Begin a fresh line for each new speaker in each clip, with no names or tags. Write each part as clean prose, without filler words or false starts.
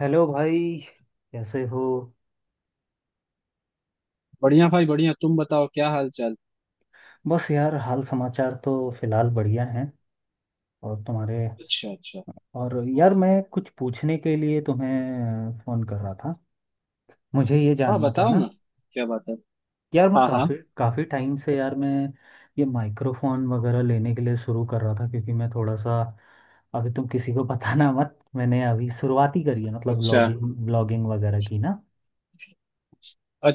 Hello भाई। कैसे हो?
बढ़िया भाई बढ़िया। तुम बताओ क्या हाल चाल।
बस यार, हाल समाचार तो फिलहाल बढ़िया हैं। और तुम्हारे?
अच्छा अच्छा।
और यार, मैं कुछ पूछने के लिए तुम्हें फ़ोन कर रहा था। मुझे ये
हाँ
जानना था
बताओ
ना,
ना, क्या बात है।
यार मैं
हाँ हाँ।
काफ़ी काफ़ी टाइम से यार मैं ये माइक्रोफोन वगैरह लेने के लिए शुरू कर रहा था क्योंकि मैं थोड़ा सा अभी। तुम किसी को बताना मत, मैंने अभी शुरुआत ही करी है मतलब
अच्छा
ब्लॉगिंग ब्लॉगिंग वगैरह की ना।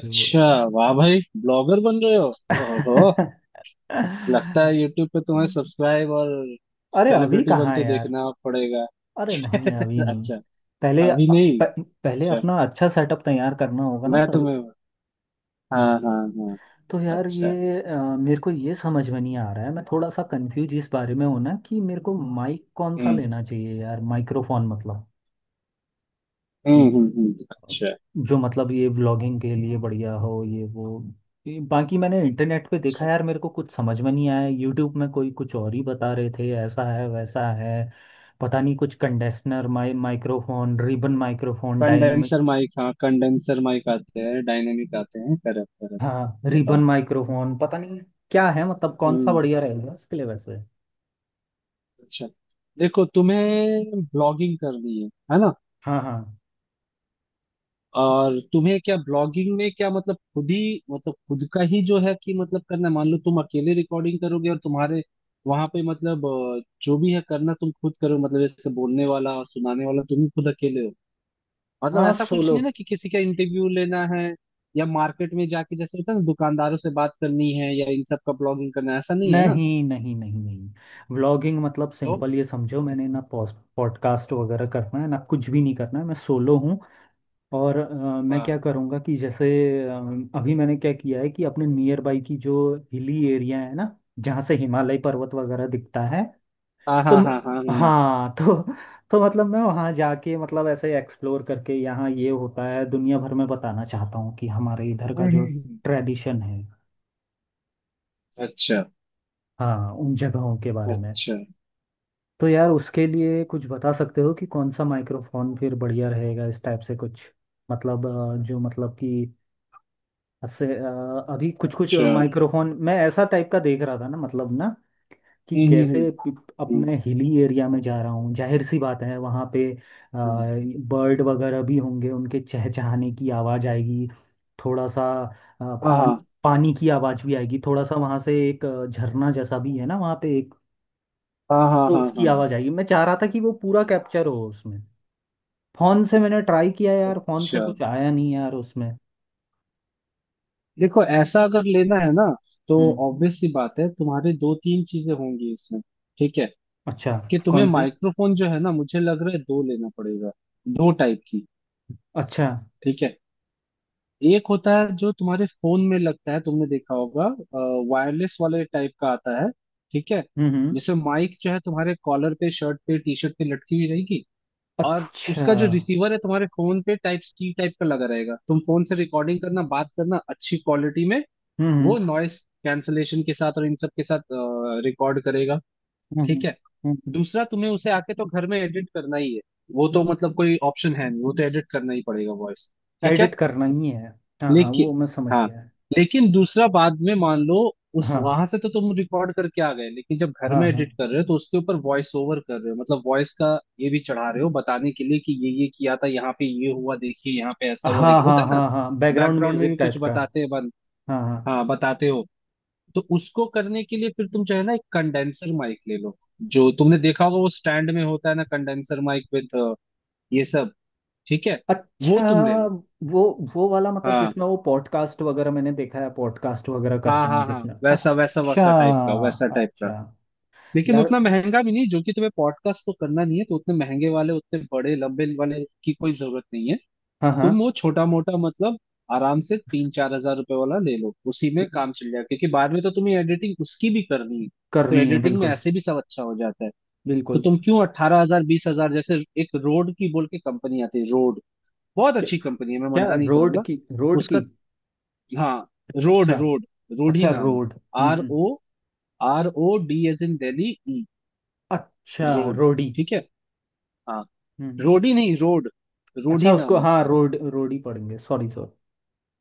तो-
वाह भाई, ब्लॉगर बन रहे हो? ओहो, लगता है यूट्यूब पे तुम्हें सब्सक्राइब और
अरे अभी
सेलिब्रिटी
कहाँ है
बनते
यार।
देखना पड़ेगा।
अरे नहीं, अभी नहीं।
अच्छा।
पहले
अभी
प,
नहीं,
पहले
अच्छा।
अपना अच्छा सेटअप तैयार करना होगा ना,
मैं
तब।
तुम्हें, हाँ
हम्म।
हाँ हाँ।
तो यार, ये
अच्छा।
मेरे को ये समझ में नहीं आ रहा है, मैं थोड़ा सा कंफ्यूज इस बारे में हूं ना, कि मेरे को माइक कौन सा
हम्म
लेना चाहिए यार, माइक्रोफोन मतलब कि
अच्छा।
जो मतलब ये व्लॉगिंग के लिए बढ़िया हो, ये वो ये बाकी मैंने इंटरनेट पे देखा
अच्छा।
यार, मेरे को कुछ समझ में नहीं आया। यूट्यूब में कोई कुछ और ही बता रहे थे, ऐसा है वैसा है पता नहीं। कुछ condenser microphone, ribbon microphone, dynamic.
Condenser mic, हाँ कंडेंसर माइक आते हैं, डायनेमिक आते हैं, करेक्ट
हाँ,
करेक्ट।
रिबन
बताओ।
माइक्रोफोन पता नहीं क्या है मतलब, कौन सा
हम्म,
बढ़िया रहेगा इसके लिए वैसे।
अच्छा। देखो, तुम्हें ब्लॉगिंग करनी है ना?
हाँ हाँ
और तुम्हें क्या ब्लॉगिंग में क्या मतलब खुद ही मतलब खुद का ही जो है कि मतलब करना है? मान लो तुम अकेले रिकॉर्डिंग करोगे और तुम्हारे वहां पे मतलब जो भी है करना तुम खुद करो, मतलब जैसे बोलने वाला और सुनाने वाला तुम ही खुद अकेले हो। मतलब
हाँ,
ऐसा कुछ
सोलो।
नहीं ना कि किसी का इंटरव्यू लेना है या मार्केट में जाके जैसे होता है ना दुकानदारों से बात करनी है या इन सब का ब्लॉगिंग करना है, ऐसा नहीं है ना।
नहीं नहीं नहीं नहीं, व्लॉगिंग मतलब
तो
सिंपल ये समझो, मैंने ना पॉस्ट पॉडकास्ट वगैरह करना है ना, कुछ भी नहीं करना है, मैं सोलो हूँ। और मैं क्या
हाँ
करूँगा कि जैसे अ, अभी मैंने क्या किया है कि अपने नियर बाई की जो हिली एरिया है ना, जहाँ से हिमालय पर्वत वगैरह दिखता है।
हाँ
तो
हाँ
म-
हाँ हाँ हाँ।
हाँ तो मतलब मैं वहाँ जाके मतलब ऐसे एक्सप्लोर करके यहाँ ये होता है दुनिया भर में बताना चाहता हूँ, कि हमारे इधर का
हम्म
जो
हम्म, हम्म।
ट्रेडिशन है।
अच्छा।
हाँ, उन जगहों के बारे में।
अच्छा।
तो यार उसके लिए कुछ बता सकते हो कि कौन सा माइक्रोफोन फिर बढ़िया रहेगा, इस टाइप से कुछ। मतलब जो मतलब कि अभी कुछ कुछ
अच्छा।
माइक्रोफोन मैं ऐसा टाइप का देख रहा था ना मतलब ना, कि
हम्म हम्म
जैसे अब
हम्म,
मैं हिली एरिया में जा रहा हूँ, जाहिर सी बात है वहाँ पे
हम्म।
बर्ड वगैरह भी होंगे, उनके चहचहाने की आवाज़ आएगी। थोड़ा सा
हाँ
पान,
हाँ
पानी की आवाज़ भी आएगी, थोड़ा सा वहाँ से एक झरना जैसा भी है ना वहाँ पे एक,
हाँ हाँ
तो
हाँ
उसकी
हाँ।
आवाज़ आएगी। मैं चाह रहा था कि वो पूरा कैप्चर हो उसमें। फोन से मैंने ट्राई किया यार, फोन से
अच्छा।
कुछ आया नहीं यार उसमें।
देखो ऐसा अगर लेना है ना, तो
हम्म
ऑब्वियस सी बात है तुम्हारे दो तीन चीजें होंगी इसमें। ठीक है।
अच्छा,
कि तुम्हें
कौन सी?
माइक्रोफोन जो है ना, मुझे लग रहा है दो लेना पड़ेगा, दो टाइप की।
अच्छा।
ठीक है। एक होता है जो तुम्हारे फोन में लगता है, तुमने देखा होगा, वायरलेस वाले टाइप का आता है। ठीक है।
हम्म हम्म
जिसमें माइक जो है तुम्हारे कॉलर पे, शर्ट पे, टी शर्ट पे लटकी हुई रहेगी। और
अच्छा।
उसका जो रिसीवर है तुम्हारे फोन पे टाइप सी टाइप का लगा रहेगा। तुम फोन से रिकॉर्डिंग करना, बात करना अच्छी क्वालिटी में।
हम्म
वो नॉइस कैंसलेशन के साथ और इन सब के साथ रिकॉर्ड करेगा।
हम्म हम्म
ठीक है।
हम्म
दूसरा, तुम्हें उसे आके तो घर में एडिट करना ही है। वो तो मतलब कोई ऑप्शन है नहीं, वो तो एडिट करना ही पड़ेगा, वॉइस। ठीक
एडिट
है।
करना ही है। हाँ हाँ, वो
लेकिन,
मैं समझ
हाँ,
गया है।
लेकिन दूसरा बाद में मान लो उस
हाँ
वहां से तो तुम रिकॉर्ड करके आ गए, लेकिन जब घर
हाँ
में
हाँ
एडिट कर रहे हो तो उसके ऊपर वॉइस ओवर कर रहे हो, मतलब वॉइस का ये भी चढ़ा रहे हो बताने के लिए कि ये किया था, यहाँ पे ये हुआ देखिए, यहाँ पे ऐसा हुआ
हाँ
देखिए,
हाँ
होता है ना।
हाँ हाँ, बैकग्राउंड
बैकग्राउंड में
म्यूजिक
भी कुछ
टाइप का।
बताते हैं बन,
हाँ हाँ।
हाँ बताते हो। तो उसको करने के लिए फिर तुम चाहे ना एक कंडेंसर माइक ले लो। जो तुमने देखा होगा वो स्टैंड में होता है ना, कंडेंसर माइक विद ये सब। ठीक है। वो
अच्छा,
तुम ले लो।
वो वो वाला मतलब
हाँ
जिसमें वो पॉडकास्ट वगैरह मैंने देखा है, पॉडकास्ट वगैरह
हाँ
करते हैं
हाँ हाँ,
जिसमें।
वैसा वैसा
अच्छा
वैसा टाइप का, वैसा टाइप का।
अच्छा।
लेकिन
यार
उतना महंगा भी नहीं, जो कि तुम्हें पॉडकास्ट तो करना नहीं है, तो उतने महंगे वाले, उतने बड़े लंबे वाले की कोई जरूरत नहीं है।
हाँ हाँ,
तुम वो छोटा मोटा मतलब आराम से तीन चार हजार रुपए वाला ले लो, उसी में काम चल जाएगा, क्योंकि बाद में तो तुम्हें एडिटिंग उसकी भी करनी है। तो
करनी है
एडिटिंग में
बिल्कुल।
ऐसे भी सब अच्छा हो जाता है। तो
बिल्कुल।
तुम क्यों अट्ठारह हजार बीस हजार जैसे। एक रोड की बोल के कंपनी आती है, रोड। बहुत
क्या,
अच्छी कंपनी है, मैं
क्या
मना नहीं
रोड
करूंगा।
की? रोड
उसका,
की?
हाँ, रोड
अच्छा।
रोड। रोड ही
अच्छा
नाम है।
रोड। हम्म
आर
हम्म,
O, R O D as in Delhi, E.
अच्छा
रोड।
रोडी?
ठीक है। हाँ। रोड ही नहीं, रोड। रोड
अच्छा
ही
उसको,
नाम है
हाँ
उसका।
रोड रोडी पढ़ेंगे, सॉरी सॉरी।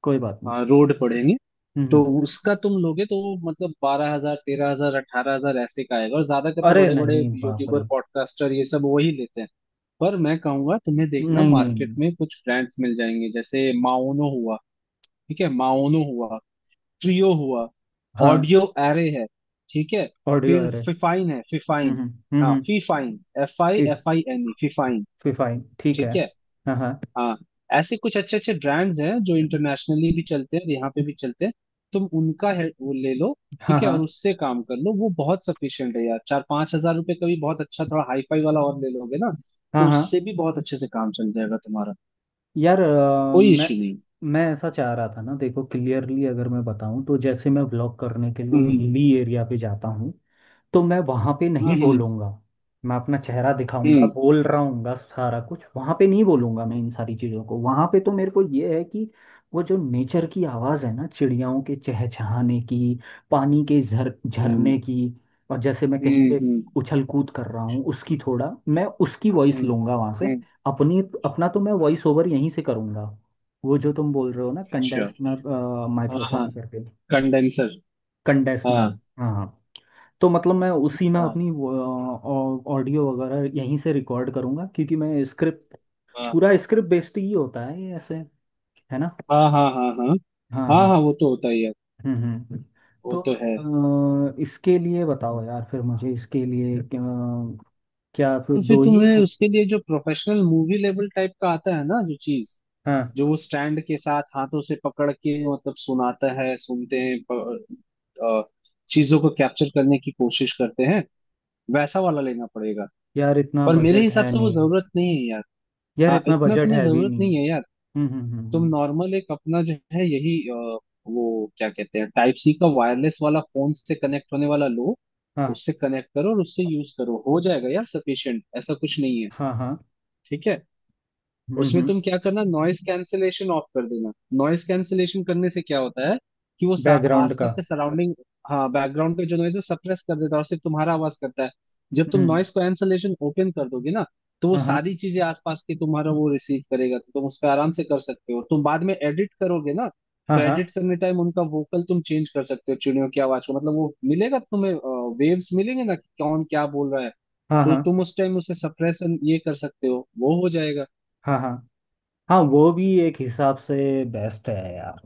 कोई बात नहीं।
हाँ रोड पढ़ेंगे।
हम्म हम्म।
तो उसका तुम लोगे तो वो मतलब बारह हजार, तेरह हजार, अठारह हजार ऐसे का आएगा, और ज्यादा करके
अरे
बड़े बड़े
नहीं, बाप
यूट्यूबर,
रे।
पॉडकास्टर, ये सब वही लेते हैं। पर मैं कहूंगा तुम्हें देखना
नहीं नहीं
मार्केट
नहीं।
में, कुछ ब्रांड्स मिल जाएंगे जैसे माओनो हुआ। ठीक है। माओनो हुआ, ट्रियो हुआ,
हाँ।
ऑडियो एरे है। ठीक है।
ऑडियो
फिर
अरे।
फिफाइन है,
हम्म
फिफाइन।
हम्म हम्म
हाँ
हम्म,
फीफाइन,
फि,
F I N E, Fifine.
Fifine ठीक है।
ठीक है।
हाँ हाँ
हाँ। ऐसे कुछ अच्छे अच्छे ब्रांड्स हैं जो इंटरनेशनली भी चलते हैं और यहाँ पे भी चलते हैं। तुम उनका है वो ले लो।
हाँ
ठीक है।
हाँ
और उससे काम कर लो, वो बहुत सफिशियंट है यार। चार पांच हजार रुपये का भी बहुत अच्छा, थोड़ा हाई फाई वाला और ले लोगे ना,
हाँ
तो
हाँ।
उससे भी बहुत अच्छे से काम चल जाएगा तुम्हारा।
यार
कोई इशू नहीं।
मैं ऐसा चाह रहा था ना, देखो क्लियरली अगर मैं बताऊं तो, जैसे मैं व्लॉग करने के लिए
हम्म
हिली एरिया पे जाता हूँ तो मैं वहां पे नहीं
हम्म
बोलूंगा, मैं अपना चेहरा दिखाऊंगा
हम्म,
बोल रहा हूँ सारा कुछ, वहां पे नहीं बोलूंगा मैं इन सारी चीजों को। वहां पे तो मेरे को ये है कि वो जो नेचर की आवाज है ना, चिड़ियाओं के चहचहाने की, पानी के झर
हम्म हम्म
झरने की, और जैसे मैं कहीं
हम्म
पे
हम्म
उछल कूद कर रहा हूँ उसकी, थोड़ा मैं उसकी वॉइस
हम्म,
लूंगा वहां से।
हम्म,
अपनी अपना तो मैं वॉइस ओवर यहीं से करूंगा, वो जो तुम बोल रहे हो ना,
अच्छा।
कंडेंसर
हाँ हाँ,
माइक्रोफोन करके।
Condenser,
condenser.
हाँ
हाँ हाँ। तो मतलब मैं उसी में
हाँ
अपनी ऑडियो वगैरह यहीं से रिकॉर्ड करूंगा, क्योंकि मैं स्क्रिप्ट
हाँ।
पूरा स्क्रिप्ट बेस्ड ही होता है ये ऐसे, है ना।
हाँ हाँ हाँ। हाँ
हाँ
हाँ,
हाँ।
हाँ वो तो होता ही है,
हम्म हम्म हम्म।
वो
तो
तो है।
इसके लिए बताओ यार, फिर मुझे इसके लिए क्या फिर
तो फिर
दो ही
तुम्हें
लूँ?
उसके लिए जो प्रोफेशनल मूवी लेवल टाइप का आता है ना, जो चीज
हाँ,
जो वो स्टैंड के साथ हाथों से पकड़ के मतलब सुनाता है, सुनते हैं, अ, चीजों को कैप्चर करने की कोशिश करते हैं, वैसा वाला लेना पड़ेगा।
यार इतना
पर मेरे
बजट
हिसाब
है
से वो
नहीं।
जरूरत नहीं है यार।
यार
हाँ,
इतना
इतना
बजट
तुम्हें
है भी
जरूरत
नहीं।
नहीं है यार।
हम्म हम्म हम्म
तुम
हम्म,
नॉर्मल एक अपना जो है यही वो क्या कहते हैं, टाइप सी का वायरलेस वाला, फोन से कनेक्ट होने वाला लो।
हाँ
उससे कनेक्ट करो और उससे यूज करो, हो जाएगा यार, सफिशिएंट। ऐसा कुछ नहीं है।
हाँ हाँ।
ठीक है। उसमें
हम्म,
तुम क्या करना, नॉइस कैंसलेशन ऑफ कर देना। नॉइस कैंसलेशन करने से क्या होता है कि वो
बैकग्राउंड का।
आसपास का सराउंडिंग, हाँ बैकग्राउंड का जो नॉइज है सप्रेस कर देता है और सिर्फ तुम्हारा आवाज करता है। जब तुम
हम्म।
नॉइस कैंसलेशन ओपन कर दोगे ना, तो वो
हाँ हाँ
सारी चीजें आसपास की तुम्हारा वो रिसीव करेगा, तो तुम उस पर आराम से कर सकते हो, तुम बाद में एडिट करोगे ना।
हाँ
तो
हाँ
एडिट करने टाइम उनका वोकल तुम चेंज कर सकते हो, चिड़ियों की आवाज को, मतलब वो मिलेगा तुम्हें, वेव्स मिलेंगे ना कि कौन क्या बोल रहा है।
हाँ
तो
हाँ।
तुम उस टाइम उसे सप्रेस ये कर सकते हो, वो हो जाएगा।
हाँ हाँ। हाँ वो भी एक हिसाब से बेस्ट है यार,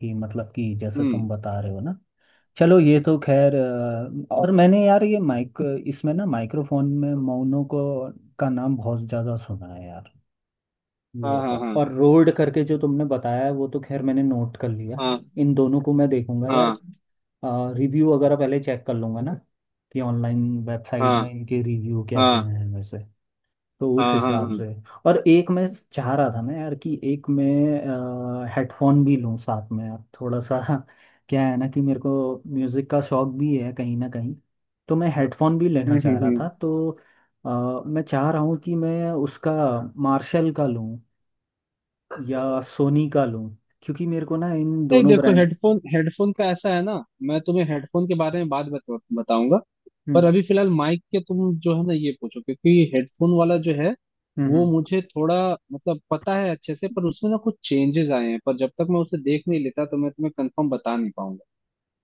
कि मतलब कि जैसे
हम्म।
तुम बता रहे हो ना, चलो ये तो खैर। और मैंने यार ये माइक, इसमें ना माइक्रोफोन में मौनों को का नाम बहुत ज़्यादा सुना है यार,
हाँ
ये
हाँ
और रोड करके जो तुमने बताया है वो तो खैर मैंने नोट कर लिया।
हाँ
इन दोनों को मैं देखूंगा यार,
हाँ
रिव्यू वगैरह पहले चेक कर लूंगा ना, कि ऑनलाइन वेबसाइट में
हाँ
इनके रिव्यू क्या क्या
हाँ
हैं वैसे, तो उस
हाँ हाँ हाँ
हिसाब
हाँ।
से। और एक मैं चाह रहा था मैं यार, कि एक मैं हेडफोन भी लूं साथ में यार, थोड़ा सा क्या है ना कि मेरे को म्यूज़िक का शौक भी है कहीं ना कहीं, तो मैं हेडफोन भी लेना
हम्म हम्म
चाह रहा था।
हम्म।
तो मैं चाह रहा हूँ कि मैं उसका मार्शल का लूं या सोनी का लूं, क्योंकि मेरे को ना इन
नहीं
दोनों
देखो,
ब्रांड।
हेडफोन हेडफोन का ऐसा है ना, मैं तुम्हें हेडफोन के बारे में बाद बताऊंगा। पर
हम्म
अभी फिलहाल माइक के तुम जो है ना ये पूछो, क्योंकि हेडफोन वाला जो है
हम्म
वो
हम्म।
मुझे थोड़ा मतलब पता है अच्छे से, पर उसमें ना कुछ चेंजेस आए हैं, पर जब तक मैं उसे देख नहीं लेता तो मैं तुम्हें कंफर्म बता नहीं पाऊंगा।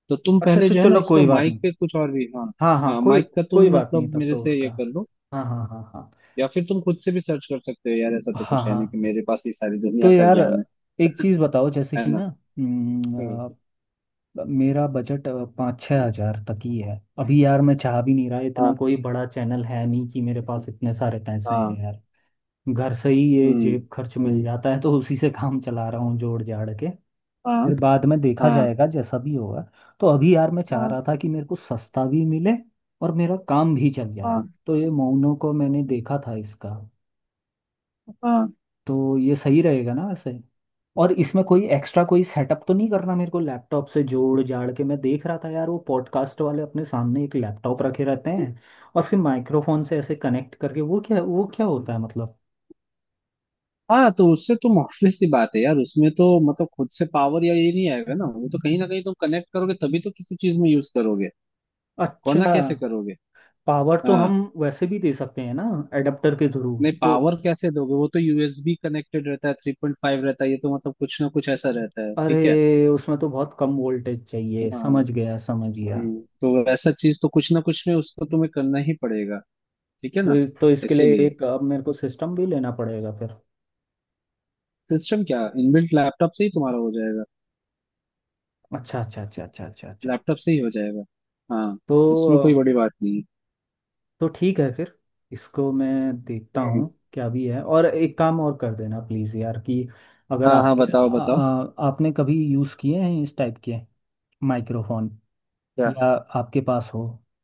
तो तुम
अच्छा
पहले
अच्छा,
जो है ना
चलो
इसमें
कोई बात नहीं।
माइक पे कुछ और भी, हाँ।
हाँ हाँ,
हाँ
कोई
माइक का
कोई
तुम
बात नहीं,
मतलब
तब
मेरे
तो
से
उसका।
ये कर लो,
हाँ हाँ हाँ हाँ।
या फिर तुम खुद से भी सर्च कर सकते हो यार, ऐसा तो
हाँ
कुछ है नहीं कि
हाँ।
मेरे पास ये सारी
तो
दुनिया का
यार
ज्ञान है
एक चीज़ बताओ जैसे
है
कि
ना।
ना,
हम्म।
हम्म, मेरा बजट 5-6 हज़ार तक ही है अभी यार, मैं चाह भी नहीं रहा,
हाँ
इतना कोई बड़ा चैनल है नहीं कि मेरे पास इतने सारे पैसे हैं
हाँ।
यार। घर से ही ये
हम्म
जेब खर्च मिल
हम्म।
जाता है, तो उसी से काम चला रहा हूँ जोड़ जाड़ के।
हाँ
फिर बाद में देखा
हाँ
जाएगा जैसा भी होगा। तो अभी यार मैं चाह
हाँ
रहा था कि मेरे को सस्ता भी मिले और मेरा काम भी चल
हाँ
जाए। तो ये मोनो को मैंने देखा था इसका,
हाँ
तो ये सही रहेगा ना वैसे? और इसमें कोई एक्स्ट्रा कोई सेटअप तो नहीं करना मेरे को? लैपटॉप से जोड़ जाड़ के मैं देख रहा था यार, वो पॉडकास्ट वाले अपने सामने एक लैपटॉप रखे रहते हैं और फिर माइक्रोफोन से ऐसे कनेक्ट करके, वो क्या, वो क्या होता है मतलब?
हाँ। तो उससे तो ऑब्वियस सी बात है यार, उसमें तो मतलब खुद से पावर या ये नहीं आएगा ना, वो तो कहीं ना कहीं तुम कनेक्ट करोगे तभी तो किसी चीज में यूज करोगे,
अच्छा।
वरना कैसे करोगे।
पावर तो
हाँ।
हम वैसे भी दे सकते हैं ना, एडाप्टर के थ्रू।
नहीं
तो
पावर कैसे दोगे, वो तो यूएसबी कनेक्टेड रहता है, थ्री पॉइंट फाइव रहता है, ये तो मतलब कुछ ना कुछ ऐसा रहता है। ठीक है।
अरे उसमें तो बहुत कम वोल्टेज चाहिए,
हाँ।
समझ गया समझ गया।
हम्म, तो ऐसा चीज तो कुछ ना कुछ में उसको तुम्हें करना ही पड़ेगा। ठीक है ना।
तो इसके लिए
इसीलिए।
एक अब मेरे को सिस्टम भी लेना पड़ेगा फिर?
सिस्टम क्या, इनबिल्ट लैपटॉप से ही तुम्हारा हो जाएगा।
अच्छा अच्छा अच्छा अच्छा अच्छा अच्छा।
लैपटॉप से ही हो जाएगा। हाँ, इसमें कोई
तो
बड़ी बात नहीं है।
तो ठीक है फिर, इसको मैं देखता
हम्म।
हूँ क्या भी है। और एक काम और कर देना प्लीज़ यार, कि अगर
हाँ हाँ बताओ बताओ।
आपने कभी यूज़ किए हैं इस टाइप के माइक्रोफोन,
क्या?
या आपके पास हो,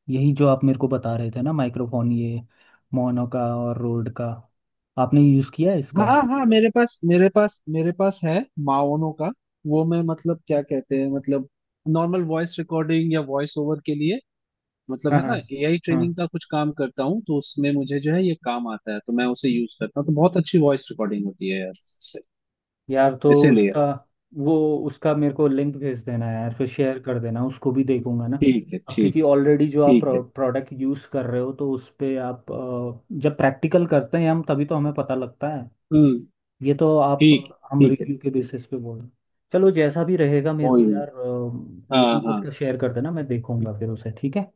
यही जो आप मेरे को बता रहे थे ना माइक्रोफोन, ये मोनो का और रोड का, आपने यूज़ किया है इसका?
हाँ हाँ, मेरे पास है, माओनो का। वो मैं मतलब क्या कहते हैं, मतलब नॉर्मल वॉइस रिकॉर्डिंग या वॉइस ओवर के लिए, मतलब
हाँ
है
हाँ
ना एआई
हाँ।
ट्रेनिंग का कुछ काम करता हूँ, तो उसमें मुझे जो है ये काम आता है, तो मैं उसे यूज करता हूँ, तो बहुत अच्छी वॉइस रिकॉर्डिंग होती है यार।
यार तो
इसीलिए।
उसका, वो उसका मेरे को लिंक भेज देना यार, फिर शेयर कर देना, उसको भी देखूंगा ना।
ठीक है
अब
ठीक
क्योंकि
है।
ऑलरेडी जो आप
ठीक है।
प्रोडक्ट यूज़ कर रहे हो, तो उस पे आप जब प्रैक्टिकल करते हैं हम तभी तो हमें पता लगता है,
हम्म।
ये तो आप,
ठीक है
हम
ठीक है।
रिव्यू के बेसिस पे बोल रहे हैं। चलो जैसा भी रहेगा मेरे
कोई
को
नहीं।
यार,
हाँ
लिंक
हाँ।
उसका शेयर कर देना, मैं देखूंगा फिर उसे, ठीक है।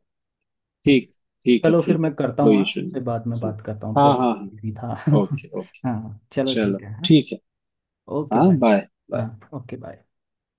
ठीक, ठीक है
चलो फिर
ठीक
मैं
है।
करता हूँ,
कोई
हाँ
इशू
उससे
नहीं।
बाद में
चलो।
बात करता हूँ,
हाँ
थोड़ा
हाँ
सा
हाँ।
busy था।
Okay okay.
हाँ चलो
चलो
ठीक है, हाँ
ठीक है।
ओके
हाँ
बाय।
बाय
हाँ
बाय।
Okay bye.